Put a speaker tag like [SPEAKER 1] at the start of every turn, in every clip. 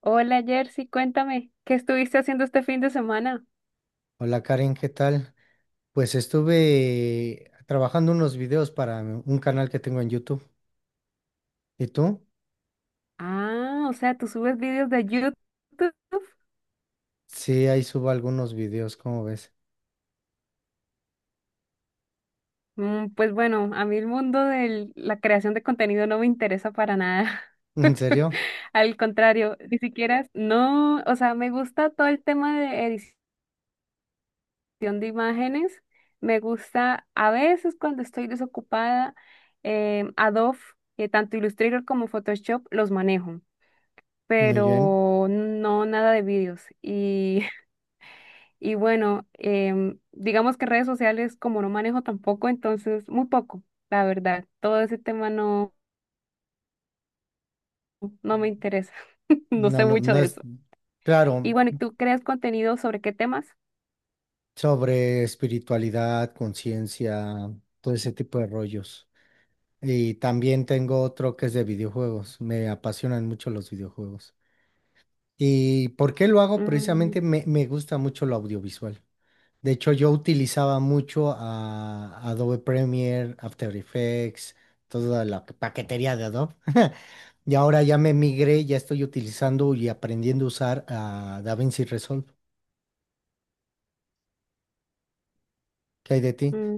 [SPEAKER 1] Hola Jersey, cuéntame, ¿qué estuviste haciendo este fin de semana?
[SPEAKER 2] Hola Karen, ¿qué tal? Pues estuve trabajando unos videos para un canal que tengo en YouTube. ¿Y tú?
[SPEAKER 1] Ah, o sea, tú subes vídeos de YouTube.
[SPEAKER 2] Sí, ahí subo algunos videos, ¿cómo ves?
[SPEAKER 1] Pues bueno, a mí el mundo de la creación de contenido no me interesa para nada.
[SPEAKER 2] ¿En serio?
[SPEAKER 1] Al contrario, ni siquiera, no, o sea, me gusta todo el tema de edición de imágenes. Me gusta a veces cuando estoy desocupada, Adobe, tanto Illustrator como Photoshop los manejo,
[SPEAKER 2] Muy bien.
[SPEAKER 1] pero no nada de vídeos. Y bueno, digamos que redes sociales como no manejo tampoco, entonces muy poco, la verdad. Todo ese tema no, no me interesa. No
[SPEAKER 2] No,
[SPEAKER 1] sé
[SPEAKER 2] no,
[SPEAKER 1] mucho
[SPEAKER 2] no
[SPEAKER 1] de
[SPEAKER 2] es
[SPEAKER 1] eso. Y
[SPEAKER 2] claro,
[SPEAKER 1] bueno, ¿y tú creas contenido sobre qué temas?
[SPEAKER 2] sobre espiritualidad, conciencia, todo ese tipo de rollos. Y también tengo otro que es de videojuegos. Me apasionan mucho los videojuegos. ¿Y por qué lo hago?
[SPEAKER 1] Mm,
[SPEAKER 2] Precisamente me gusta mucho lo audiovisual. De hecho, yo utilizaba mucho a Adobe Premiere, After Effects, toda la paquetería de Adobe. Y ahora ya me migré, ya estoy utilizando y aprendiendo a usar a DaVinci Resolve. ¿Qué hay de ti?
[SPEAKER 1] mm.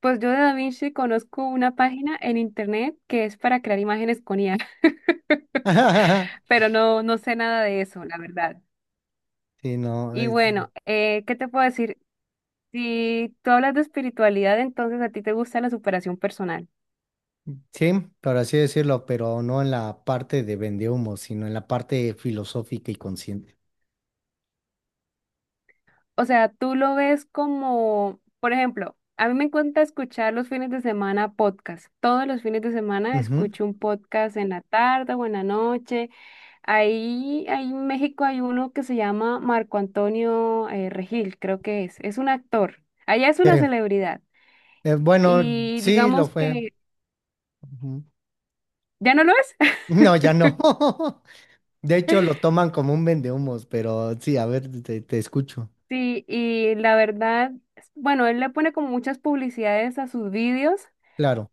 [SPEAKER 1] Pues yo de Da Vinci conozco una página en internet que es para crear imágenes con IA, pero no, no sé nada de eso, la verdad.
[SPEAKER 2] Sí, no,
[SPEAKER 1] Y bueno, ¿qué te puedo decir? Si tú hablas de espiritualidad, entonces a ti te gusta la superación personal.
[SPEAKER 2] sí, por así decirlo, pero no en la parte de vendehumo, sino en la parte filosófica y consciente.
[SPEAKER 1] O sea, tú lo ves como, por ejemplo, a mí me encanta escuchar los fines de semana podcast. Todos los fines de semana
[SPEAKER 2] Ujú.
[SPEAKER 1] escucho un podcast en la tarde o en la noche. Ahí en México hay uno que se llama Marco Antonio Regil, creo que es. Es un actor. Allá es
[SPEAKER 2] Sí,
[SPEAKER 1] una celebridad.
[SPEAKER 2] bueno,
[SPEAKER 1] Y
[SPEAKER 2] sí lo
[SPEAKER 1] digamos
[SPEAKER 2] fue.
[SPEAKER 1] que
[SPEAKER 2] Ujú.
[SPEAKER 1] ya no lo es.
[SPEAKER 2] No, ya no. De hecho, lo toman como un vendehumos, pero sí, a ver, te escucho.
[SPEAKER 1] Sí, y la verdad, bueno, él le pone como muchas publicidades a sus vídeos,
[SPEAKER 2] Claro.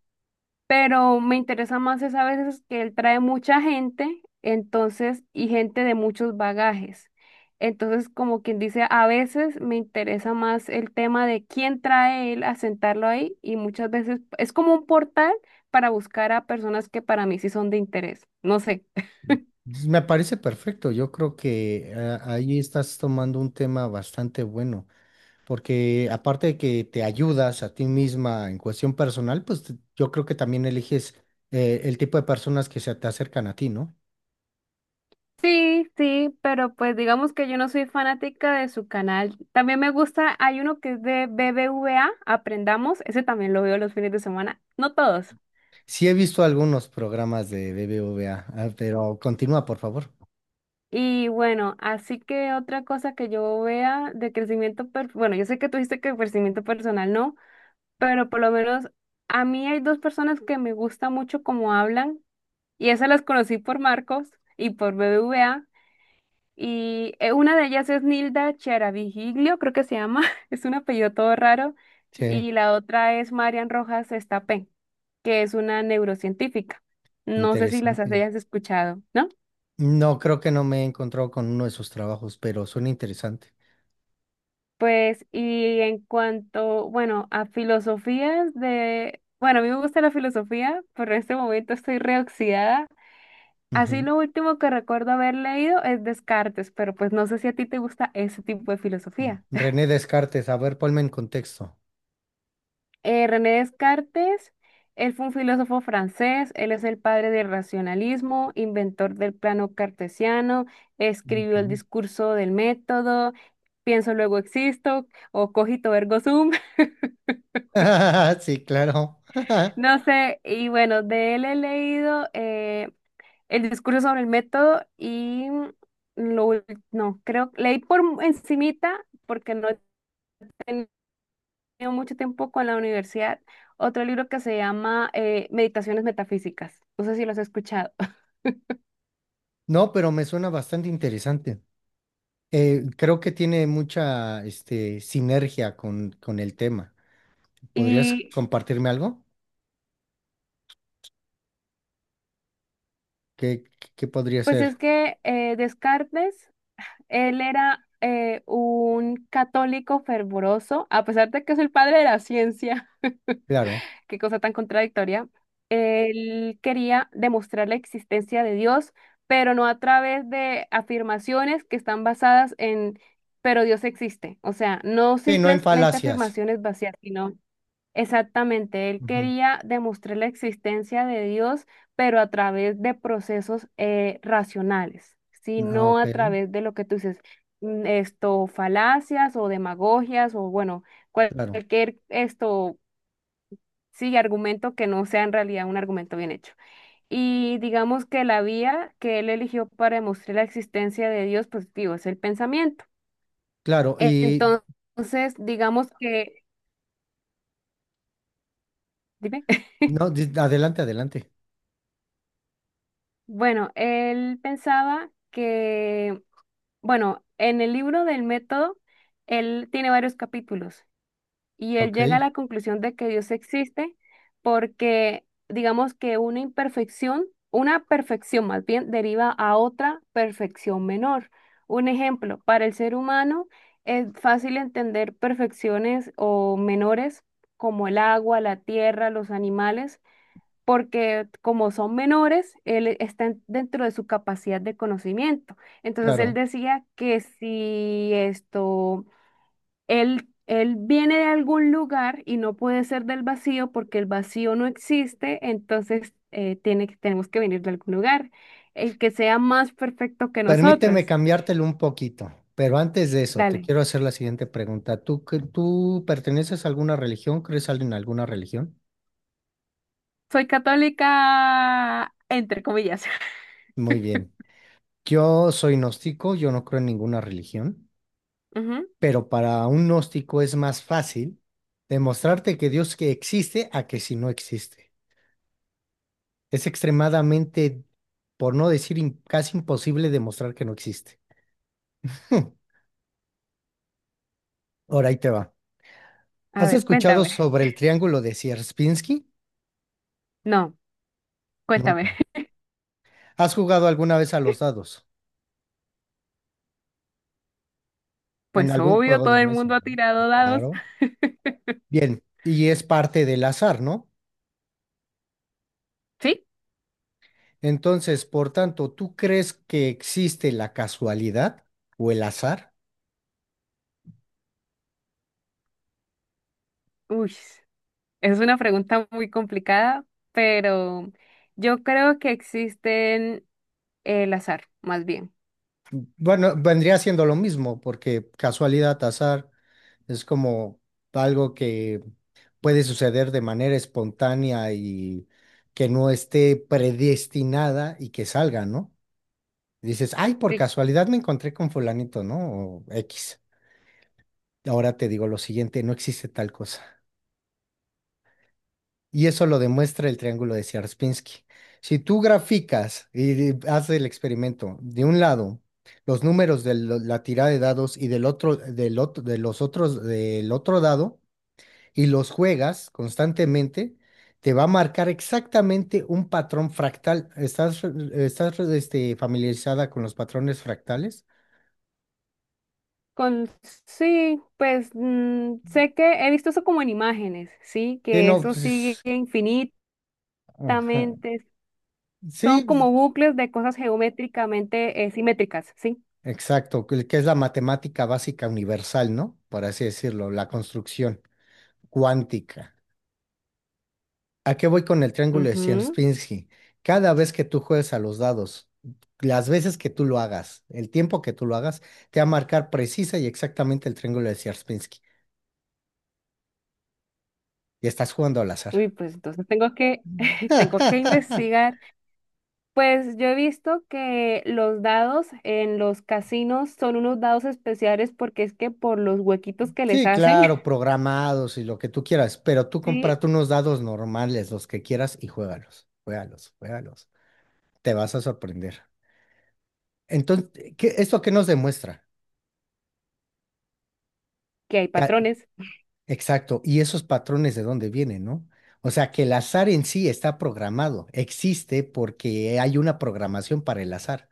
[SPEAKER 1] pero me interesa más es a veces que él trae mucha gente, entonces, y gente de muchos bagajes. Entonces, como quien dice, a veces me interesa más el tema de quién trae él a sentarlo ahí y muchas veces es como un portal para buscar a personas que para mí sí son de interés. No sé.
[SPEAKER 2] Entonces, me parece perfecto. Yo creo que ahí estás tomando un tema bastante bueno, porque aparte de que te ayudas a ti misma en cuestión personal, pues yo creo que también eliges el tipo de personas que se te acercan a ti, ¿no?
[SPEAKER 1] Sí, sí, pero pues digamos que yo no soy fanática de su canal. También me gusta, hay uno que es de BBVA, Aprendamos, ese también lo veo los fines de semana, no todos.
[SPEAKER 2] Sí he visto algunos programas de BBVA, ah, pero continúa, por favor.
[SPEAKER 1] Y bueno, así que otra cosa que yo vea de crecimiento, bueno, yo sé que tú dijiste que crecimiento personal no, pero por lo menos a mí hay dos personas que me gusta mucho cómo hablan y esas las conocí por Marcos y por BBVA y una de ellas es Nilda Cheravigilio, creo que se llama, es un apellido todo raro
[SPEAKER 2] Sí,
[SPEAKER 1] y la otra es Marian Rojas Estapé, que es una neurocientífica. No sé si las
[SPEAKER 2] interesante.
[SPEAKER 1] hayas escuchado, ¿no?
[SPEAKER 2] No, creo que no me he encontrado con uno de sus trabajos, pero suena interesante.
[SPEAKER 1] Pues, y en cuanto, bueno, a filosofías de, bueno, a mí me gusta la filosofía, pero en este momento estoy reoxidada. Así lo último que recuerdo haber leído es Descartes, pero pues no sé si a ti te gusta ese tipo de filosofía.
[SPEAKER 2] René Descartes, a ver, ponme en contexto.
[SPEAKER 1] René Descartes, él fue un filósofo francés, él es el padre del racionalismo, inventor del plano cartesiano, escribió el
[SPEAKER 2] Ujú.
[SPEAKER 1] discurso del método, pienso luego existo o cogito ergo sum.
[SPEAKER 2] Sí, claro.
[SPEAKER 1] No sé, y bueno, de él he leído el discurso sobre el método y lo, ul- no, creo, leí por encimita porque no he tenido mucho tiempo con la universidad, otro libro que se llama Meditaciones Metafísicas, no sé si los he escuchado.
[SPEAKER 2] No, pero me suena bastante interesante. Creo que tiene mucha, sinergia con el tema. ¿Podrías
[SPEAKER 1] Y
[SPEAKER 2] compartirme algo? ¿Qué, qué podría
[SPEAKER 1] pues es
[SPEAKER 2] ser?
[SPEAKER 1] que Descartes, él era un católico fervoroso, a pesar de que es el padre de la ciencia.
[SPEAKER 2] Claro.
[SPEAKER 1] Qué cosa tan contradictoria. Él quería demostrar la existencia de Dios, pero no a través de afirmaciones que están basadas en, pero Dios existe. O sea, no
[SPEAKER 2] Sí, no en
[SPEAKER 1] simplemente
[SPEAKER 2] falacias.
[SPEAKER 1] afirmaciones vacías, sino exactamente, él
[SPEAKER 2] Ujú.
[SPEAKER 1] quería demostrar la existencia de Dios, pero a través de procesos racionales, ¿sí?
[SPEAKER 2] Ah,
[SPEAKER 1] No
[SPEAKER 2] ok,
[SPEAKER 1] a través de lo que tú dices, esto, falacias o demagogias o bueno
[SPEAKER 2] claro.
[SPEAKER 1] cualquier esto. Sí, argumento que no sea en realidad un argumento bien hecho. Y digamos que la vía que él eligió para demostrar la existencia de Dios, pues digo, es el pensamiento.
[SPEAKER 2] Claro, y
[SPEAKER 1] Entonces, digamos que, dime,
[SPEAKER 2] no, adelante, adelante.
[SPEAKER 1] bueno, él pensaba que, bueno, en el libro del método, él tiene varios capítulos. Y él
[SPEAKER 2] Ok,
[SPEAKER 1] llega a la conclusión de que Dios existe porque, digamos que una imperfección, una perfección más bien, deriva a otra perfección menor. Un ejemplo, para el ser humano es fácil entender perfecciones o menores como el agua, la tierra, los animales, porque como son menores, él está dentro de su capacidad de conocimiento. Entonces él
[SPEAKER 2] claro.
[SPEAKER 1] decía que si esto él viene de algún lugar y no puede ser del vacío porque el vacío no existe, entonces tenemos que venir de algún lugar, el que sea más perfecto que
[SPEAKER 2] Permíteme
[SPEAKER 1] nosotros.
[SPEAKER 2] cambiártelo un poquito, pero antes de eso, te
[SPEAKER 1] Dale,
[SPEAKER 2] quiero hacer la siguiente pregunta. ¿Tú perteneces a alguna religión? ¿Crees algo en alguna religión?
[SPEAKER 1] soy católica, entre comillas.
[SPEAKER 2] Muy bien. Yo soy gnóstico, yo no creo en ninguna religión,
[SPEAKER 1] Ujú.
[SPEAKER 2] pero para un gnóstico es más fácil demostrarte que Dios que existe a que si no existe. Es extremadamente, por no decir casi imposible demostrar que no existe. Ahora ahí te va.
[SPEAKER 1] A
[SPEAKER 2] ¿Has
[SPEAKER 1] ver,
[SPEAKER 2] escuchado
[SPEAKER 1] cuéntame.
[SPEAKER 2] sobre el triángulo de Sierpinski?
[SPEAKER 1] No, cuéntame.
[SPEAKER 2] Nunca. ¿Has jugado alguna vez a los dados en
[SPEAKER 1] Pues
[SPEAKER 2] algún
[SPEAKER 1] obvio,
[SPEAKER 2] juego
[SPEAKER 1] todo
[SPEAKER 2] de
[SPEAKER 1] el
[SPEAKER 2] mesa,
[SPEAKER 1] mundo ha
[SPEAKER 2] ¿no? Sí,
[SPEAKER 1] tirado dados.
[SPEAKER 2] claro. Bien, y es parte del azar, ¿no?
[SPEAKER 1] ¿Sí?
[SPEAKER 2] Entonces, por tanto, ¿tú crees que existe la casualidad o el azar?
[SPEAKER 1] Uy, es una pregunta muy complicada, pero yo creo que existen el azar, más bien.
[SPEAKER 2] Bueno, vendría siendo lo mismo, porque casualidad, azar, es como algo que puede suceder de manera espontánea y que no esté predestinada y que salga, ¿no? Dices, ay, por
[SPEAKER 1] Sí.
[SPEAKER 2] casualidad me encontré con fulanito, ¿no? O X. Ahora te digo lo siguiente, no existe tal cosa. Y eso lo demuestra el triángulo de Sierpinski. Si tú graficas y haces el experimento, de un lado los números de la tirada de dados y del otro, de los otros del otro dado y los juegas constantemente, te va a marcar exactamente un patrón fractal. ¿Estás familiarizada con los patrones fractales?
[SPEAKER 1] Con, sí, pues sé que he visto eso como en imágenes, sí,
[SPEAKER 2] Sí,
[SPEAKER 1] que
[SPEAKER 2] no,
[SPEAKER 1] eso sigue
[SPEAKER 2] pues,
[SPEAKER 1] infinitamente,
[SPEAKER 2] ajá.
[SPEAKER 1] son
[SPEAKER 2] Sí,
[SPEAKER 1] como bucles de cosas geométricamente simétricas, sí.
[SPEAKER 2] exacto, que es la matemática básica universal, ¿no? Por así decirlo, la construcción cuántica. ¿A qué voy con el triángulo de
[SPEAKER 1] Ujú.
[SPEAKER 2] Sierpinski? Cada vez que tú juegues a los dados, las veces que tú lo hagas, el tiempo que tú lo hagas, te va a marcar precisa y exactamente el triángulo de Sierpinski. Y estás jugando al azar.
[SPEAKER 1] Uy, pues entonces tengo que, tengo que investigar. Pues yo he visto que los dados en los casinos son unos dados especiales porque es que por los huequitos que les
[SPEAKER 2] Sí,
[SPEAKER 1] hacen,
[SPEAKER 2] claro, programados y lo que tú quieras, pero tú
[SPEAKER 1] sí,
[SPEAKER 2] cómprate unos dados normales, los que quieras, y juégalos, juégalos, juégalos. Te vas a sorprender. Entonces, esto qué nos demuestra?
[SPEAKER 1] que hay
[SPEAKER 2] Que a-
[SPEAKER 1] patrones.
[SPEAKER 2] exacto, y esos patrones de dónde vienen, ¿no? O sea, que el azar en sí está programado, existe porque hay una programación para el azar.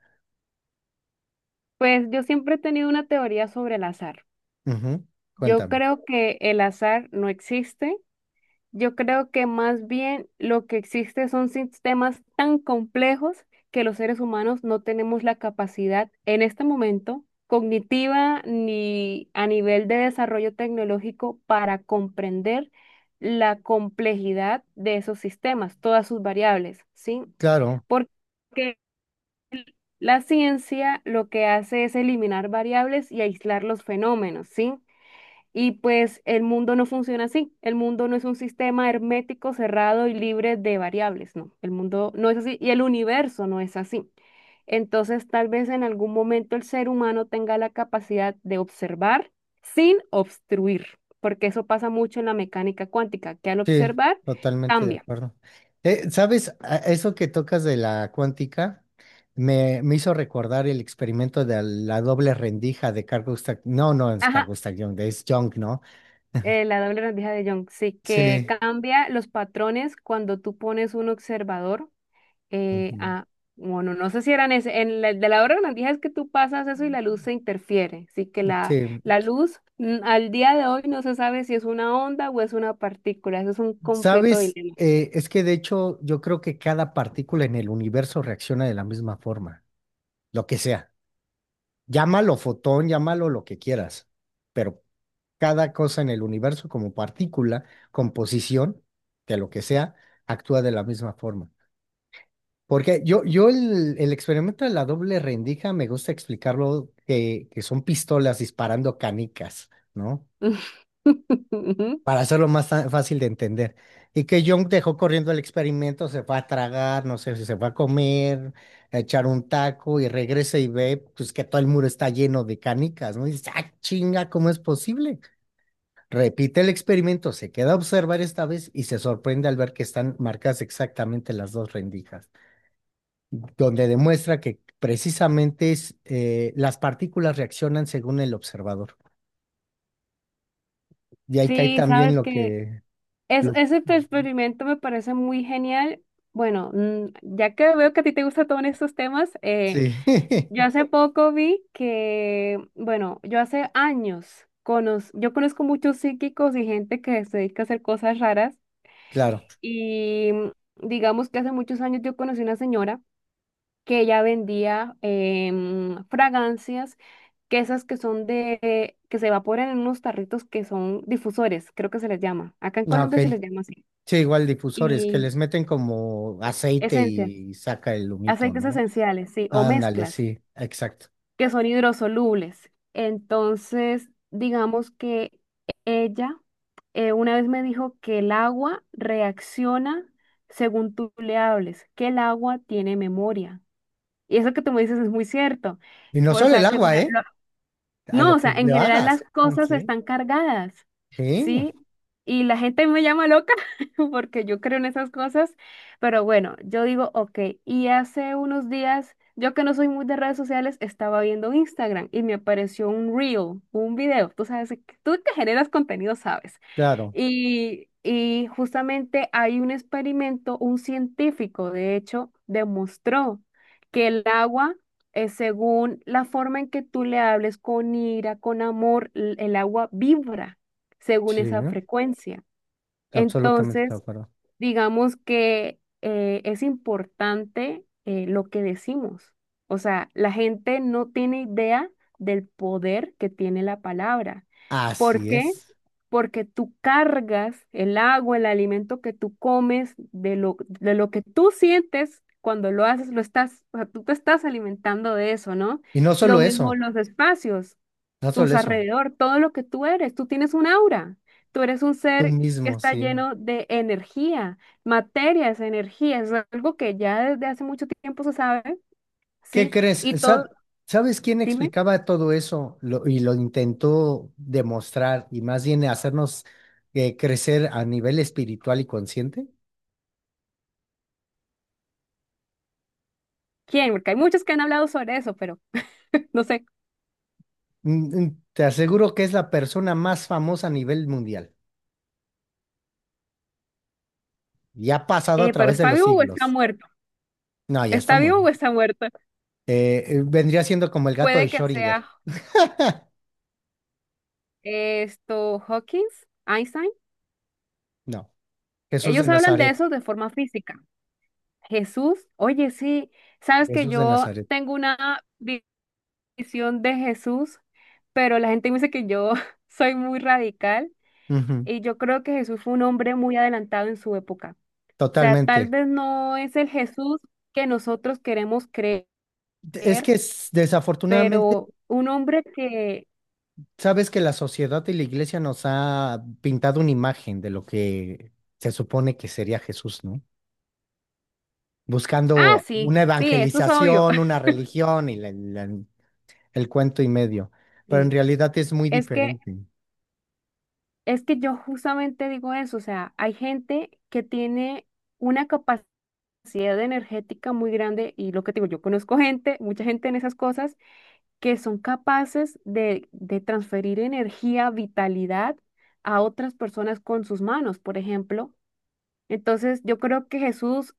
[SPEAKER 1] Pues yo siempre he tenido una teoría sobre el azar.
[SPEAKER 2] Ujú,
[SPEAKER 1] Yo
[SPEAKER 2] cuéntame.
[SPEAKER 1] creo que el azar no existe. Yo creo que más bien lo que existe son sistemas tan complejos que los seres humanos no tenemos la capacidad en este momento cognitiva ni a nivel de desarrollo tecnológico para comprender la complejidad de esos sistemas, todas sus variables, ¿sí?
[SPEAKER 2] Claro,
[SPEAKER 1] Porque la ciencia lo que hace es eliminar variables y aislar los fenómenos, ¿sí? Y pues el mundo no funciona así. El mundo no es un sistema hermético, cerrado y libre de variables, no. El mundo no es así y el universo no es así. Entonces, tal vez en algún momento el ser humano tenga la capacidad de observar sin obstruir, porque eso pasa mucho en la mecánica cuántica, que al
[SPEAKER 2] sí,
[SPEAKER 1] observar
[SPEAKER 2] totalmente de
[SPEAKER 1] cambia.
[SPEAKER 2] acuerdo. ¿Sabes? Eso que tocas de la cuántica me hizo recordar el experimento de la doble rendija de Carl Gustav. No, no es Carl
[SPEAKER 1] Ajá,
[SPEAKER 2] Gustav Jung, es Jung, ¿no?
[SPEAKER 1] la doble rendija de Young, sí, que
[SPEAKER 2] Sí.
[SPEAKER 1] cambia los patrones cuando tú pones un observador. Eh,
[SPEAKER 2] Ujú.
[SPEAKER 1] ah, bueno, no sé si eran ese. De la hora grandija es que tú pasas eso y la luz se interfiere. Así que la,
[SPEAKER 2] Sí.
[SPEAKER 1] la luz al día de hoy no se sabe si es una onda o es una partícula. Eso es un completo
[SPEAKER 2] Sabes,
[SPEAKER 1] dilema.
[SPEAKER 2] Es que de hecho yo creo que cada partícula en el universo reacciona de la misma forma, lo que sea. Llámalo fotón, llámalo lo que quieras, pero cada cosa en el universo como partícula, composición, de lo que sea, actúa de la misma forma. Porque yo el experimento de la doble rendija me gusta explicarlo que son pistolas disparando canicas, ¿no? Para hacerlo más fácil de entender. Y que Jung dejó corriendo el experimento, se va a tragar, no sé si se va a comer, a echar un taco y regresa y ve pues que todo el muro está lleno de canicas, ¿no? Y dice, ah, chinga, ¿cómo es posible? Repite el experimento, se queda a observar esta vez y se sorprende al ver que están marcadas exactamente las dos rendijas, donde demuestra que precisamente las partículas reaccionan según el observador. Y ahí cae
[SPEAKER 1] Sí,
[SPEAKER 2] también
[SPEAKER 1] sabes
[SPEAKER 2] lo
[SPEAKER 1] que
[SPEAKER 2] que lo-
[SPEAKER 1] ese tu experimento me parece muy genial. Bueno, ya que veo que a ti te gustan todos estos temas,
[SPEAKER 2] sí.
[SPEAKER 1] yo hace poco vi que, bueno, yo hace años yo conozco muchos psíquicos y gente que se dedica a hacer cosas raras
[SPEAKER 2] Claro.
[SPEAKER 1] y digamos que hace muchos años yo conocí una señora que ella vendía fragancias, que esas que son de, que se evaporan en unos tarritos que son difusores, creo que se les llama. Acá en
[SPEAKER 2] Ah, ok.
[SPEAKER 1] Colombia se les llama así.
[SPEAKER 2] Sí, igual difusores que
[SPEAKER 1] Y
[SPEAKER 2] les meten como aceite
[SPEAKER 1] esencias,
[SPEAKER 2] y saca el humito,
[SPEAKER 1] aceites
[SPEAKER 2] ¿no?
[SPEAKER 1] esenciales, sí, o
[SPEAKER 2] Ándale,
[SPEAKER 1] mezclas.
[SPEAKER 2] sí, exacto.
[SPEAKER 1] Que son hidrosolubles. Entonces, digamos que ella una vez me dijo que el agua reacciona según tú le hables, que el agua tiene memoria. Y eso que tú me dices es muy cierto.
[SPEAKER 2] Y no
[SPEAKER 1] Por, o
[SPEAKER 2] solo el
[SPEAKER 1] sea, que
[SPEAKER 2] agua,
[SPEAKER 1] me-
[SPEAKER 2] ¿eh?
[SPEAKER 1] lo-
[SPEAKER 2] A
[SPEAKER 1] no,
[SPEAKER 2] lo
[SPEAKER 1] o sea,
[SPEAKER 2] que
[SPEAKER 1] en
[SPEAKER 2] le
[SPEAKER 1] general las
[SPEAKER 2] hagas.
[SPEAKER 1] cosas
[SPEAKER 2] Sí.
[SPEAKER 1] están cargadas,
[SPEAKER 2] Sí,
[SPEAKER 1] ¿sí? Y la gente me llama loca porque yo creo en esas cosas, pero bueno, yo digo, ok, y hace unos días, yo que no soy muy de redes sociales, estaba viendo Instagram y me apareció un reel, un video, tú sabes, tú que generas contenido, sabes.
[SPEAKER 2] claro.
[SPEAKER 1] Y justamente hay un experimento, un científico, de hecho, demostró que el agua, según la forma en que tú le hables con ira, con amor, el agua vibra según
[SPEAKER 2] Sí,
[SPEAKER 1] esa frecuencia.
[SPEAKER 2] absolutamente de
[SPEAKER 1] Entonces,
[SPEAKER 2] acuerdo.
[SPEAKER 1] digamos que es importante lo que decimos. O sea, la gente no tiene idea del poder que tiene la palabra. ¿Por
[SPEAKER 2] Así
[SPEAKER 1] qué?
[SPEAKER 2] es.
[SPEAKER 1] Porque tú cargas el agua, el alimento que tú comes, de lo que tú sientes cuando lo haces, lo estás, o sea, tú te estás alimentando de eso, ¿no?
[SPEAKER 2] Y no
[SPEAKER 1] Lo
[SPEAKER 2] solo
[SPEAKER 1] mismo
[SPEAKER 2] eso,
[SPEAKER 1] los espacios
[SPEAKER 2] no solo
[SPEAKER 1] tus
[SPEAKER 2] eso.
[SPEAKER 1] alrededor, todo lo que tú eres. Tú tienes un aura. Tú eres un
[SPEAKER 2] Tú
[SPEAKER 1] ser que
[SPEAKER 2] mismo,
[SPEAKER 1] está
[SPEAKER 2] sí.
[SPEAKER 1] lleno de energía, materia es energía. Es algo que ya desde hace mucho tiempo se sabe,
[SPEAKER 2] ¿Qué
[SPEAKER 1] ¿sí?
[SPEAKER 2] crees?
[SPEAKER 1] Y todo,
[SPEAKER 2] ¿Sabes quién
[SPEAKER 1] dime,
[SPEAKER 2] explicaba todo eso y lo intentó demostrar y más bien hacernos crecer a nivel espiritual y consciente?
[SPEAKER 1] ¿quién? Porque hay muchos que han hablado sobre eso, pero no sé.
[SPEAKER 2] Te aseguro que es la persona más famosa a nivel mundial y ha pasado a
[SPEAKER 1] Pero
[SPEAKER 2] través de
[SPEAKER 1] ¿está
[SPEAKER 2] los
[SPEAKER 1] vivo o está
[SPEAKER 2] siglos.
[SPEAKER 1] muerto?
[SPEAKER 2] No, ya está
[SPEAKER 1] ¿Está vivo
[SPEAKER 2] muerto.
[SPEAKER 1] o está muerto?
[SPEAKER 2] Vendría siendo como el gato de
[SPEAKER 1] Puede que
[SPEAKER 2] Schrödinger.
[SPEAKER 1] sea esto, Hawkins, Einstein.
[SPEAKER 2] No, Jesús de
[SPEAKER 1] Ellos hablan de
[SPEAKER 2] Nazaret.
[SPEAKER 1] eso de forma física. Jesús, oye, sí, sabes que
[SPEAKER 2] Jesús de
[SPEAKER 1] yo
[SPEAKER 2] Nazaret.
[SPEAKER 1] tengo una visión de Jesús, pero la gente me dice que yo soy muy radical
[SPEAKER 2] Ujú,
[SPEAKER 1] y yo creo que Jesús fue un hombre muy adelantado en su época. O sea, tal
[SPEAKER 2] totalmente.
[SPEAKER 1] vez no es el Jesús que nosotros queremos creer,
[SPEAKER 2] Es que desafortunadamente,
[SPEAKER 1] pero un hombre que...
[SPEAKER 2] sabes que la sociedad y la iglesia nos ha pintado una imagen de lo que se supone que sería Jesús, ¿no?
[SPEAKER 1] Ah,
[SPEAKER 2] Buscando
[SPEAKER 1] sí,
[SPEAKER 2] una
[SPEAKER 1] sí, eso es obvio.
[SPEAKER 2] evangelización, una religión y el cuento y medio, pero en
[SPEAKER 1] Sí,
[SPEAKER 2] realidad es muy
[SPEAKER 1] es que,
[SPEAKER 2] diferente.
[SPEAKER 1] es que yo justamente digo eso, o sea, hay gente que tiene una capacidad energética muy grande y lo que te digo, yo conozco gente, mucha gente en esas cosas que son capaces de transferir energía, vitalidad a otras personas con sus manos, por ejemplo. Entonces, yo creo que Jesús,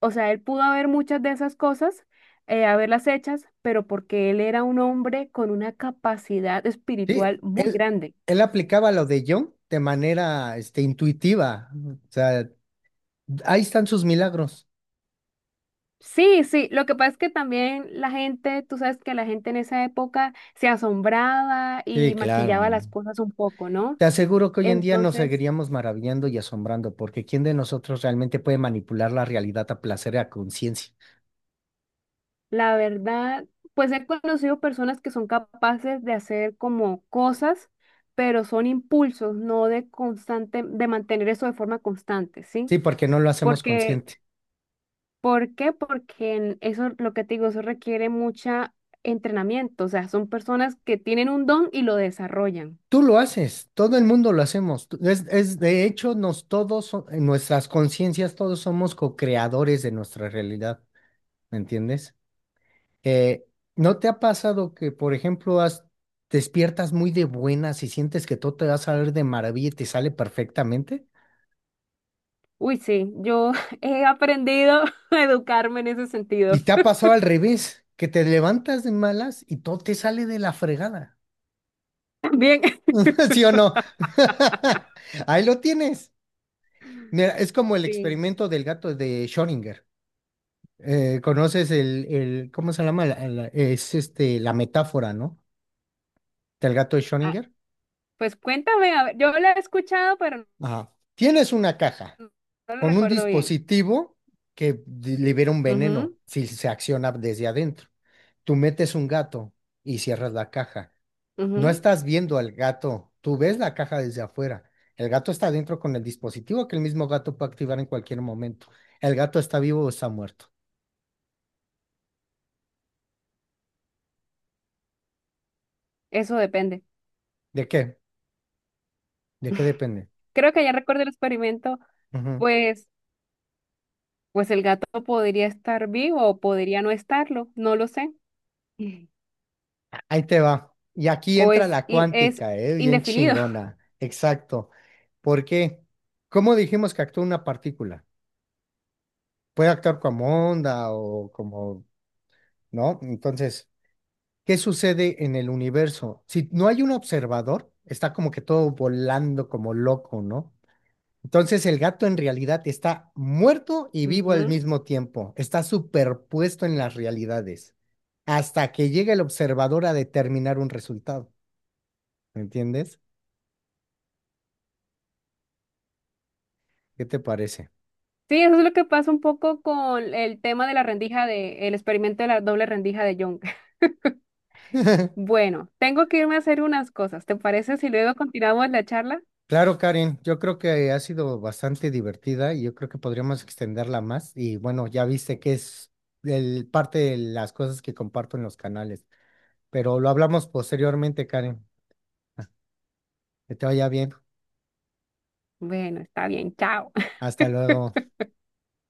[SPEAKER 1] o sea, él pudo haber muchas de esas cosas, haberlas hechas, pero porque él era un hombre con una capacidad
[SPEAKER 2] Sí,
[SPEAKER 1] espiritual muy
[SPEAKER 2] él,
[SPEAKER 1] grande.
[SPEAKER 2] él aplicaba lo de Jung de manera, intuitiva. O sea, ahí están sus milagros.
[SPEAKER 1] Sí, sí, lo que pasa es que también la gente, tú sabes que la gente en esa época se asombraba
[SPEAKER 2] Sí,
[SPEAKER 1] y
[SPEAKER 2] claro.
[SPEAKER 1] maquillaba las cosas un poco, ¿no?
[SPEAKER 2] Te aseguro que hoy en día nos
[SPEAKER 1] Entonces,
[SPEAKER 2] seguiríamos maravillando y asombrando, porque ¿quién de nosotros realmente puede manipular la realidad a placer y a conciencia?
[SPEAKER 1] la verdad, pues he conocido personas que son capaces de hacer como cosas, pero son impulsos, no de constante, de mantener eso de forma constante, ¿sí?
[SPEAKER 2] Sí, porque no lo hacemos
[SPEAKER 1] Porque,
[SPEAKER 2] consciente.
[SPEAKER 1] ¿por qué? Porque en eso, lo que te digo, eso requiere mucha entrenamiento, o sea, son personas que tienen un don y lo desarrollan.
[SPEAKER 2] Tú lo haces, todo el mundo lo hacemos. Es de hecho, nos todos, en nuestras conciencias, todos somos co-creadores de nuestra realidad, ¿me entiendes? Eh, ¿No te ha pasado que, por ejemplo, despiertas muy de buenas y sientes que todo te va a salir de maravilla y te sale perfectamente?
[SPEAKER 1] Uy, sí, yo he aprendido a educarme en ese
[SPEAKER 2] ¿Y
[SPEAKER 1] sentido.
[SPEAKER 2] te ha pasado al revés, que te levantas de malas y todo te sale de la fregada?
[SPEAKER 1] Bien.
[SPEAKER 2] ¿Sí o no? Ahí lo tienes. Mira, es como el
[SPEAKER 1] Sí.
[SPEAKER 2] experimento del gato de Schrödinger. ¿Conoces el, cómo se llama? La metáfora, ¿no? Del gato de
[SPEAKER 1] Ah,
[SPEAKER 2] Schrödinger.
[SPEAKER 1] pues cuéntame, a ver, yo la he escuchado, pero
[SPEAKER 2] Ajá. Tienes una caja
[SPEAKER 1] no lo
[SPEAKER 2] con un
[SPEAKER 1] recuerdo bien.
[SPEAKER 2] dispositivo que libera un
[SPEAKER 1] Ujú,
[SPEAKER 2] veneno si se acciona desde adentro. Tú metes un gato y cierras la caja. No
[SPEAKER 1] ujú.
[SPEAKER 2] estás viendo al gato, tú ves la caja desde afuera. El gato está adentro con el dispositivo que el mismo gato puede activar en cualquier momento. ¿El gato está vivo o está muerto?
[SPEAKER 1] Eso depende.
[SPEAKER 2] ¿De qué? ¿De qué depende?
[SPEAKER 1] Creo que ya recuerdo el experimento,
[SPEAKER 2] Ujú.
[SPEAKER 1] pues, pues el gato podría estar vivo o podría no estarlo, no lo sé. Mm.
[SPEAKER 2] Ahí te va. Y aquí
[SPEAKER 1] O
[SPEAKER 2] entra
[SPEAKER 1] es,
[SPEAKER 2] la
[SPEAKER 1] in- es
[SPEAKER 2] cuántica, ¿eh? Bien
[SPEAKER 1] indefinido.
[SPEAKER 2] chingona. Exacto. ¿Por qué? ¿Cómo dijimos que actúa una partícula? Puede actuar como onda o como, ¿no? Entonces, ¿qué sucede en el universo? Si no hay un observador, está como que todo volando como loco, ¿no? Entonces el gato en realidad está muerto y vivo al
[SPEAKER 1] Ujú.
[SPEAKER 2] mismo tiempo, está superpuesto en las realidades, hasta que llega el observador a determinar un resultado, ¿me entiendes? ¿Qué te parece?
[SPEAKER 1] Sí, eso es lo que pasa un poco con el tema de la rendija de, el experimento de la doble rendija de Young. Bueno, tengo que irme a hacer unas cosas. ¿Te parece si luego continuamos la charla?
[SPEAKER 2] Claro, Karen, yo creo que ha sido bastante divertida y yo creo que podríamos extenderla más. Y bueno, ya viste que es parte de las cosas que comparto en los canales, pero lo hablamos posteriormente, Karen. Que te vaya bien.
[SPEAKER 1] Bueno, está bien, chao.
[SPEAKER 2] Hasta luego.